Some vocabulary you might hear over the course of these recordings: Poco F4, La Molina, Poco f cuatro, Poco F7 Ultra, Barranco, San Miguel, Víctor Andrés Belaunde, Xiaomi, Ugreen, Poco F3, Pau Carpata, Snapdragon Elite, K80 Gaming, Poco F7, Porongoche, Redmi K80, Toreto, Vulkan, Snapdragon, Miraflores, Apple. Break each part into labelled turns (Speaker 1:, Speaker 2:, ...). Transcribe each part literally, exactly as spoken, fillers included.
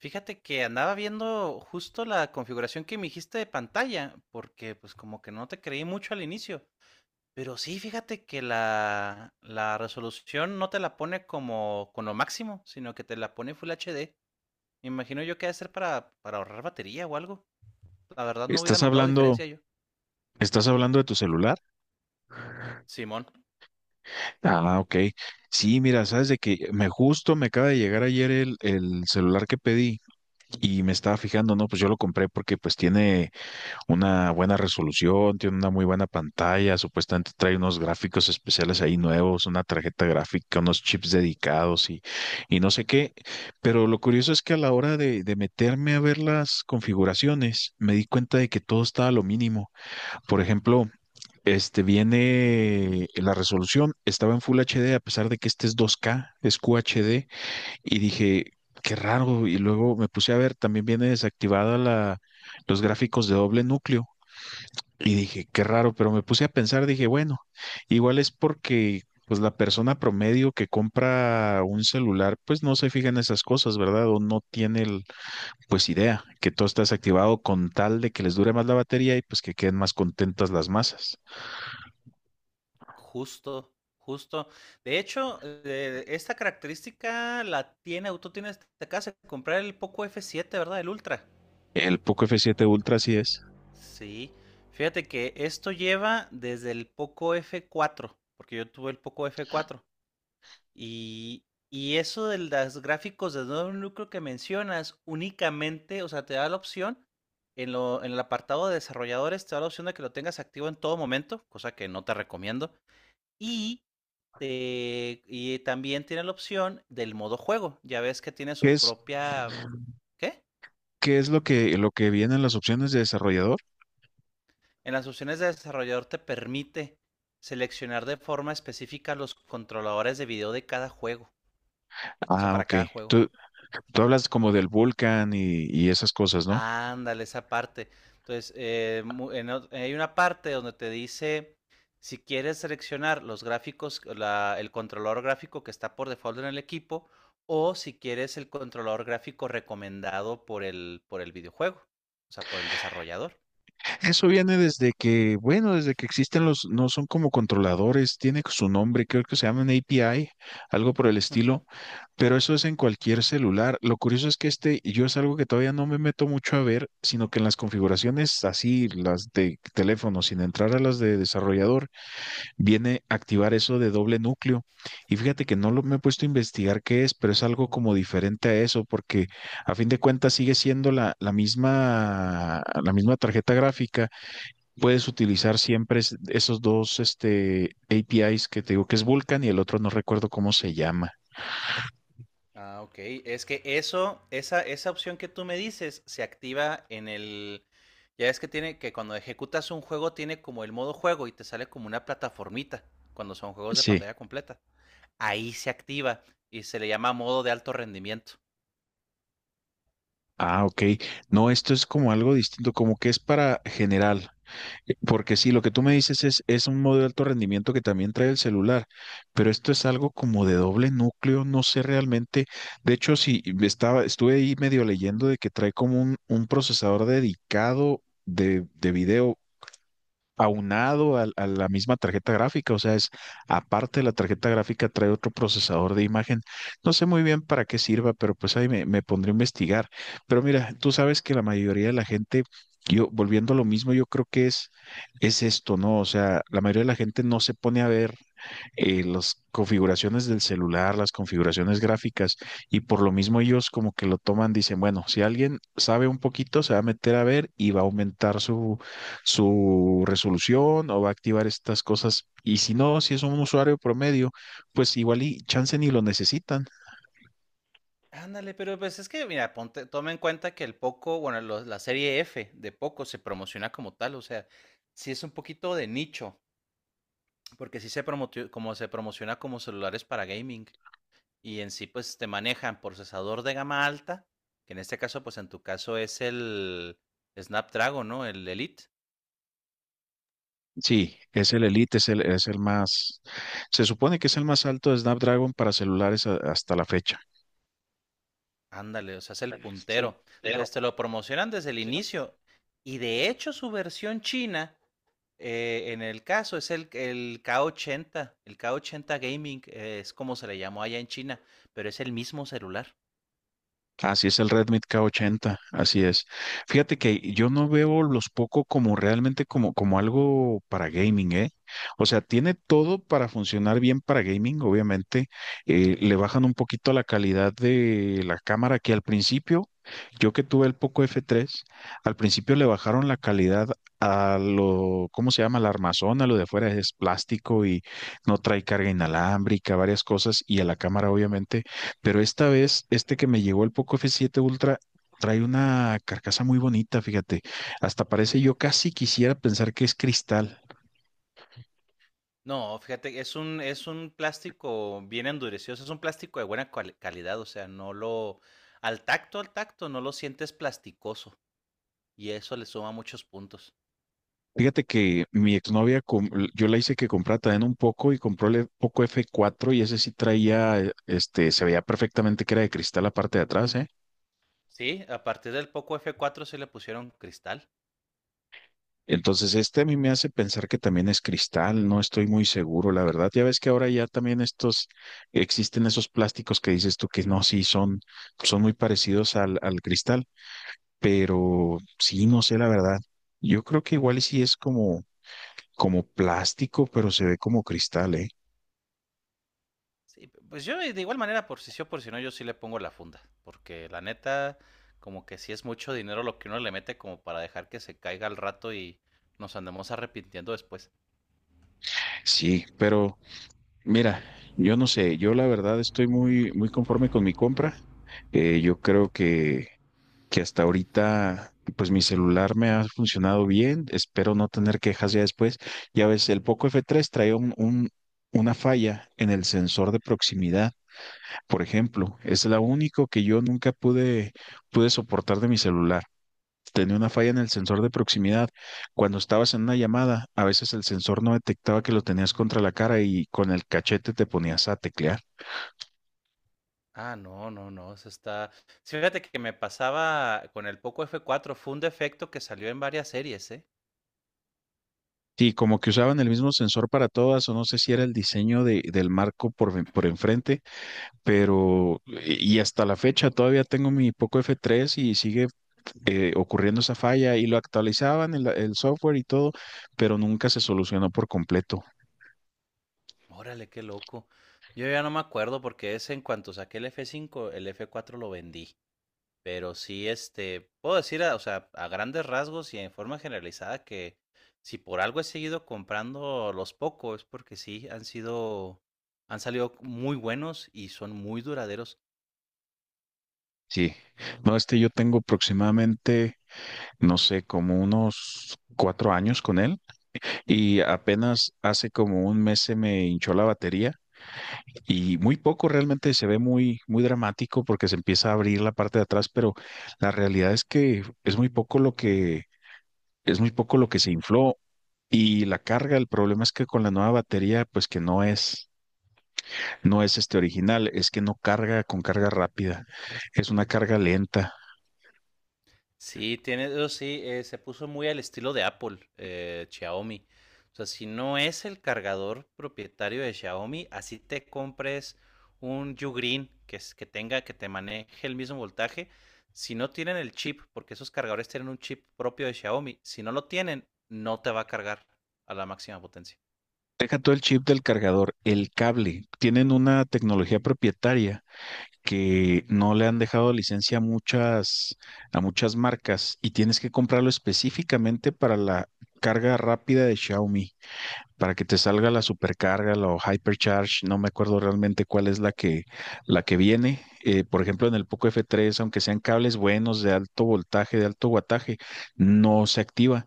Speaker 1: Fíjate que andaba viendo justo la configuración que me dijiste de pantalla, porque pues como que no te creí mucho al inicio. Pero sí, fíjate que la, la resolución no te la pone como con lo máximo, sino que te la pone Full H D. Me imagino yo que ha de ser para, para ahorrar batería o algo. La verdad no hubiera
Speaker 2: ¿Estás
Speaker 1: notado
Speaker 2: hablando,
Speaker 1: diferencia yo.
Speaker 2: estás hablando de tu celular?
Speaker 1: Simón,
Speaker 2: Ah, ok. Sí, mira, sabes de que me justo me acaba de llegar ayer el, el celular que pedí y me estaba fijando, no, pues yo lo compré porque pues tiene una buena resolución, tiene una muy buena pantalla, supuestamente trae unos gráficos especiales ahí nuevos, una tarjeta gráfica, unos chips dedicados y, y no sé qué. Pero lo curioso es que a la hora de, de meterme a ver las configuraciones, me di cuenta de que todo estaba a lo mínimo. Por ejemplo, este viene la resolución, estaba en Full H D a pesar de que este es dos K, es Q H D, y dije, qué raro. Y luego me puse a ver, también viene desactivada la, los gráficos de doble núcleo. Y dije, qué raro, pero me puse a pensar, dije, bueno, igual es porque pues la persona promedio que compra un celular, pues no se fija en esas cosas, ¿verdad? O no tiene el, pues idea que todo está desactivado con tal de que les dure más la batería y pues que queden más contentas las masas.
Speaker 1: justo, justo. De hecho, eh, esta característica la tiene, tú tienes, te acabas de comprar el Poco F siete, ¿verdad? El Ultra.
Speaker 2: El Poco f siete Ultra sí es.
Speaker 1: Sí, fíjate que esto lleva desde el Poco f cuatro, porque yo tuve el Poco f cuatro. Y, y eso de los gráficos de nuevo núcleo que mencionas, únicamente, o sea, te da la opción, en, lo, en el apartado de desarrolladores, te da la opción de que lo tengas activo en todo momento, cosa que no te recomiendo. Y, te- y también tiene la opción del modo juego. Ya ves que tiene
Speaker 2: ¿Qué
Speaker 1: su
Speaker 2: es,
Speaker 1: propia. ¿Qué?
Speaker 2: qué es lo que, lo que viene en las opciones de desarrollador?
Speaker 1: En las opciones de desarrollador te permite seleccionar de forma específica los controladores de video de cada juego, o sea,
Speaker 2: Ah,
Speaker 1: para
Speaker 2: ok.
Speaker 1: cada juego.
Speaker 2: Tú, tú hablas como del Vulkan y, y esas cosas, ¿no?
Speaker 1: Ándale, esa parte. Entonces, eh, en hay una parte donde te dice si quieres seleccionar los gráficos, la- el controlador gráfico que está por default en el equipo, o si quieres el controlador gráfico recomendado por el, por el videojuego, o sea, por el desarrollador.
Speaker 2: Eso viene desde que, bueno, desde que existen los, no son como controladores, tiene su nombre, creo que se llaman A P I, algo por el
Speaker 1: Ujú.
Speaker 2: estilo, pero eso es en cualquier celular. Lo curioso es que este, yo es algo que todavía no me meto mucho a ver, sino que en las configuraciones así, las de teléfono, sin entrar a las de desarrollador, viene activar eso de doble núcleo. Y fíjate que no lo, me he puesto a investigar qué es, pero es algo como diferente a eso, porque a fin de cuentas sigue siendo la, la misma, la misma tarjeta gráfica. Puedes utilizar siempre es- esos dos este, A P I s que te digo que es Vulkan y el otro no recuerdo cómo se llama.
Speaker 1: Ah, ok. Es que eso, esa, esa opción que tú me dices se activa en el. Ya es que tiene que cuando ejecutas un juego tiene como el modo juego y te sale como una plataformita cuando son juegos de
Speaker 2: Sí.
Speaker 1: pantalla completa. Ahí se activa y se le llama modo de alto rendimiento.
Speaker 2: Ah, ok. No, esto es como algo distinto, como que es para general. Eh, Porque sí, lo que tú me
Speaker 1: Ujú.
Speaker 2: dices es, es un modo de alto rendimiento que también trae el celular, pero esto es algo como de doble núcleo, no sé realmente. De hecho, sí, estaba, estuve ahí medio leyendo de que trae como un, un procesador dedicado de, de video aunado al- a, la misma tarjeta gráfica, o sea, es aparte de la tarjeta gráfica trae otro procesador de imagen. No sé muy bien para qué sirva, pero pues ahí me, me pondré a investigar. Pero mira, tú sabes que la mayoría de la gente, yo volviendo a lo mismo, yo creo que es, es esto, ¿no? O sea, la mayoría de la gente no se pone a ver eh, las configuraciones del celular, las configuraciones gráficas, y por lo mismo ellos como que lo toman, dicen, bueno, si alguien sabe un poquito, se va a meter a ver y va a aumentar su su resolución o va a activar estas cosas. Y si no, si es un usuario promedio, pues igual y chance ni lo necesitan.
Speaker 1: Ándale, pero pues es que, mira, ponte, toma en cuenta que el Poco, bueno, lo- la serie F de Poco se promociona como tal, o sea, sí es un poquito de nicho, porque sí se promotio- como se promociona como celulares para gaming. Y en sí pues te manejan procesador de gama alta, que en este caso pues en tu caso es el Snapdragon, ¿no? El Elite.
Speaker 2: Sí, es el Elite, es el, es el más, se supone que es el más alto de Snapdragon para celulares a- hasta la fecha.
Speaker 1: Ándale, o sea, es el puntero. Entonces te lo promocionan desde el inicio y de hecho su versión china, eh, en el caso, es el, el K ochenta, el K ochenta Gaming, eh, es como se le llamó allá en China, pero es el mismo celular.
Speaker 2: Así es el Redmi K ochenta, así es. Fíjate que yo no veo los Poco como realmente como, como algo para gaming, ¿eh? O sea, tiene todo para funcionar bien para gaming, obviamente. Eh, le bajan un poquito la calidad de la cámara que al principio, yo que tuve el Poco F tres, al principio le bajaron la calidad a lo, ¿cómo se llama? La armazón, a lo de afuera es plástico y no trae carga inalámbrica, varias cosas, y a la cámara obviamente pero esta vez, este que me llegó el Poco f siete Ultra trae una carcasa muy bonita, fíjate. Hasta parece, yo casi quisiera pensar que es cristal.
Speaker 1: No, fíjate, es un, es un plástico bien endurecido, o sea, es un plástico de buena cual- calidad, o sea, no lo, al tacto, al tacto, no lo sientes plasticoso y eso le suma muchos puntos.
Speaker 2: Fíjate que mi exnovia, com- yo la hice que comprara también un poco y compró el Poco f cuatro y ese sí traía, eh, este, se veía perfectamente que era de cristal la parte de atrás, ¿eh?
Speaker 1: Sí, a partir del Poco f cuatro sí le pusieron cristal.
Speaker 2: Entonces, este a mí me hace pensar que también es cristal, no estoy muy seguro, la verdad. Ya ves que ahora ya también estos, existen esos plásticos que dices tú que no, sí, son, son muy parecidos al, al cristal, pero sí, no sé, la verdad. Yo creo que igual y sí es como, como plástico, pero se ve como cristal, ¿eh?
Speaker 1: Sí, p- pues yo de igual manera, por si sí o por si no, yo sí le pongo la funda, porque la neta, como que sí es mucho dinero lo que uno le mete como para dejar que se caiga al rato y nos andemos arrepintiendo después.
Speaker 2: Sí, pero mira, yo no sé, yo la verdad estoy muy, muy conforme con mi compra. Eh, yo creo que que hasta ahorita, pues mi celular me ha funcionado bien, espero no tener quejas ya después. Ya ves, el Poco f tres trae un, un- una falla en el sensor de proximidad, por ejemplo, es la único que yo nunca pude, pude soportar de mi celular. Tenía una falla en el sensor de proximidad. Cuando estabas en una llamada, a veces el sensor no detectaba que lo tenías contra la cara y con el cachete te ponías a teclear.
Speaker 1: Ah, no, no, no, eso está sí, fíjate que me pasaba con el Poco f cuatro, fue un defecto que salió en varias series, ¿eh?
Speaker 2: Sí, como que usaban el mismo sensor para todas, o no sé si era el diseño de- del marco por, ven- por enfrente, pero y hasta la fecha todavía tengo mi Poco f tres y sigue eh, ocurriendo esa falla y lo actualizaban el, el software y todo, pero nunca se solucionó por completo.
Speaker 1: Órale, qué loco. Yo ya no me acuerdo porque es en cuanto saqué el f cinco, el f cuatro lo vendí, pero sí, este, puedo decir, a o sea, a grandes rasgos y en forma generalizada que si por algo he seguido comprando los Poco es porque sí han sido han salido muy buenos y son muy duraderos.
Speaker 2: Sí, no, este yo tengo aproximadamente, no sé, como unos cuatro años con él y apenas hace como un mes se me hinchó la batería y muy poco realmente se ve muy, muy dramático porque se empieza a abrir la parte de atrás, pero la realidad es que es muy poco lo que es muy poco lo que se infló y la carga, el problema es que con la nueva batería, pues que no es, no es este original, es que no carga con carga rápida, es una carga lenta.
Speaker 1: Sí, tiene, eso sí, eh, se puso muy al estilo de Apple, eh, Xiaomi. O sea, si no es el cargador propietario de Xiaomi, así te compres un Ugreen que, es- que tenga, que te maneje el mismo voltaje. Si no tienen el chip, porque esos cargadores tienen un chip propio de Xiaomi, si no lo tienen, no te va a cargar a la máxima potencia.
Speaker 2: Deja todo el chip del cargador, el cable, tienen una tecnología propietaria que no le han dejado licencia a muchas, a muchas marcas y tienes que comprarlo específicamente para la carga rápida de Xiaomi. Para que te salga la supercarga, la o hypercharge, no me acuerdo realmente cuál es la que, la que viene. Eh, por ejemplo, en el Poco f tres, aunque sean cables buenos de alto voltaje, de alto guataje, no se activa.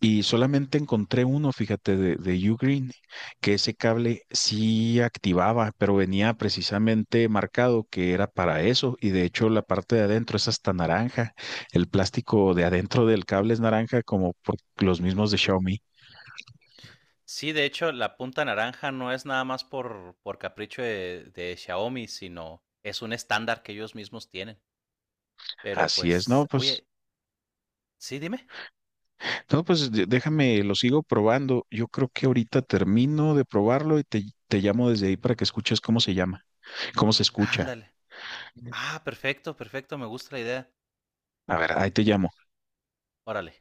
Speaker 2: Y solamente encontré uno, fíjate, de, de Ugreen, que ese cable sí activaba, pero venía precisamente marcado que era para eso. Y de hecho, la parte de adentro es hasta naranja. El plástico de adentro del cable es naranja, como por los mismos de Xiaomi.
Speaker 1: Sí, de hecho, la punta naranja no es nada más por, por capricho de de Xiaomi, sino es un estándar que ellos mismos tienen. Pero
Speaker 2: Así es, no,
Speaker 1: pues,
Speaker 2: pues.
Speaker 1: oye. Sí, dime.
Speaker 2: No, pues de- déjame, lo sigo probando. Yo creo que ahorita termino de probarlo y te, te llamo desde ahí para que escuches cómo se llama, cómo se escucha.
Speaker 1: Ándale. Ah, perfecto, perfecto, me gusta la idea.
Speaker 2: A ver, ahí te llamo.
Speaker 1: Órale.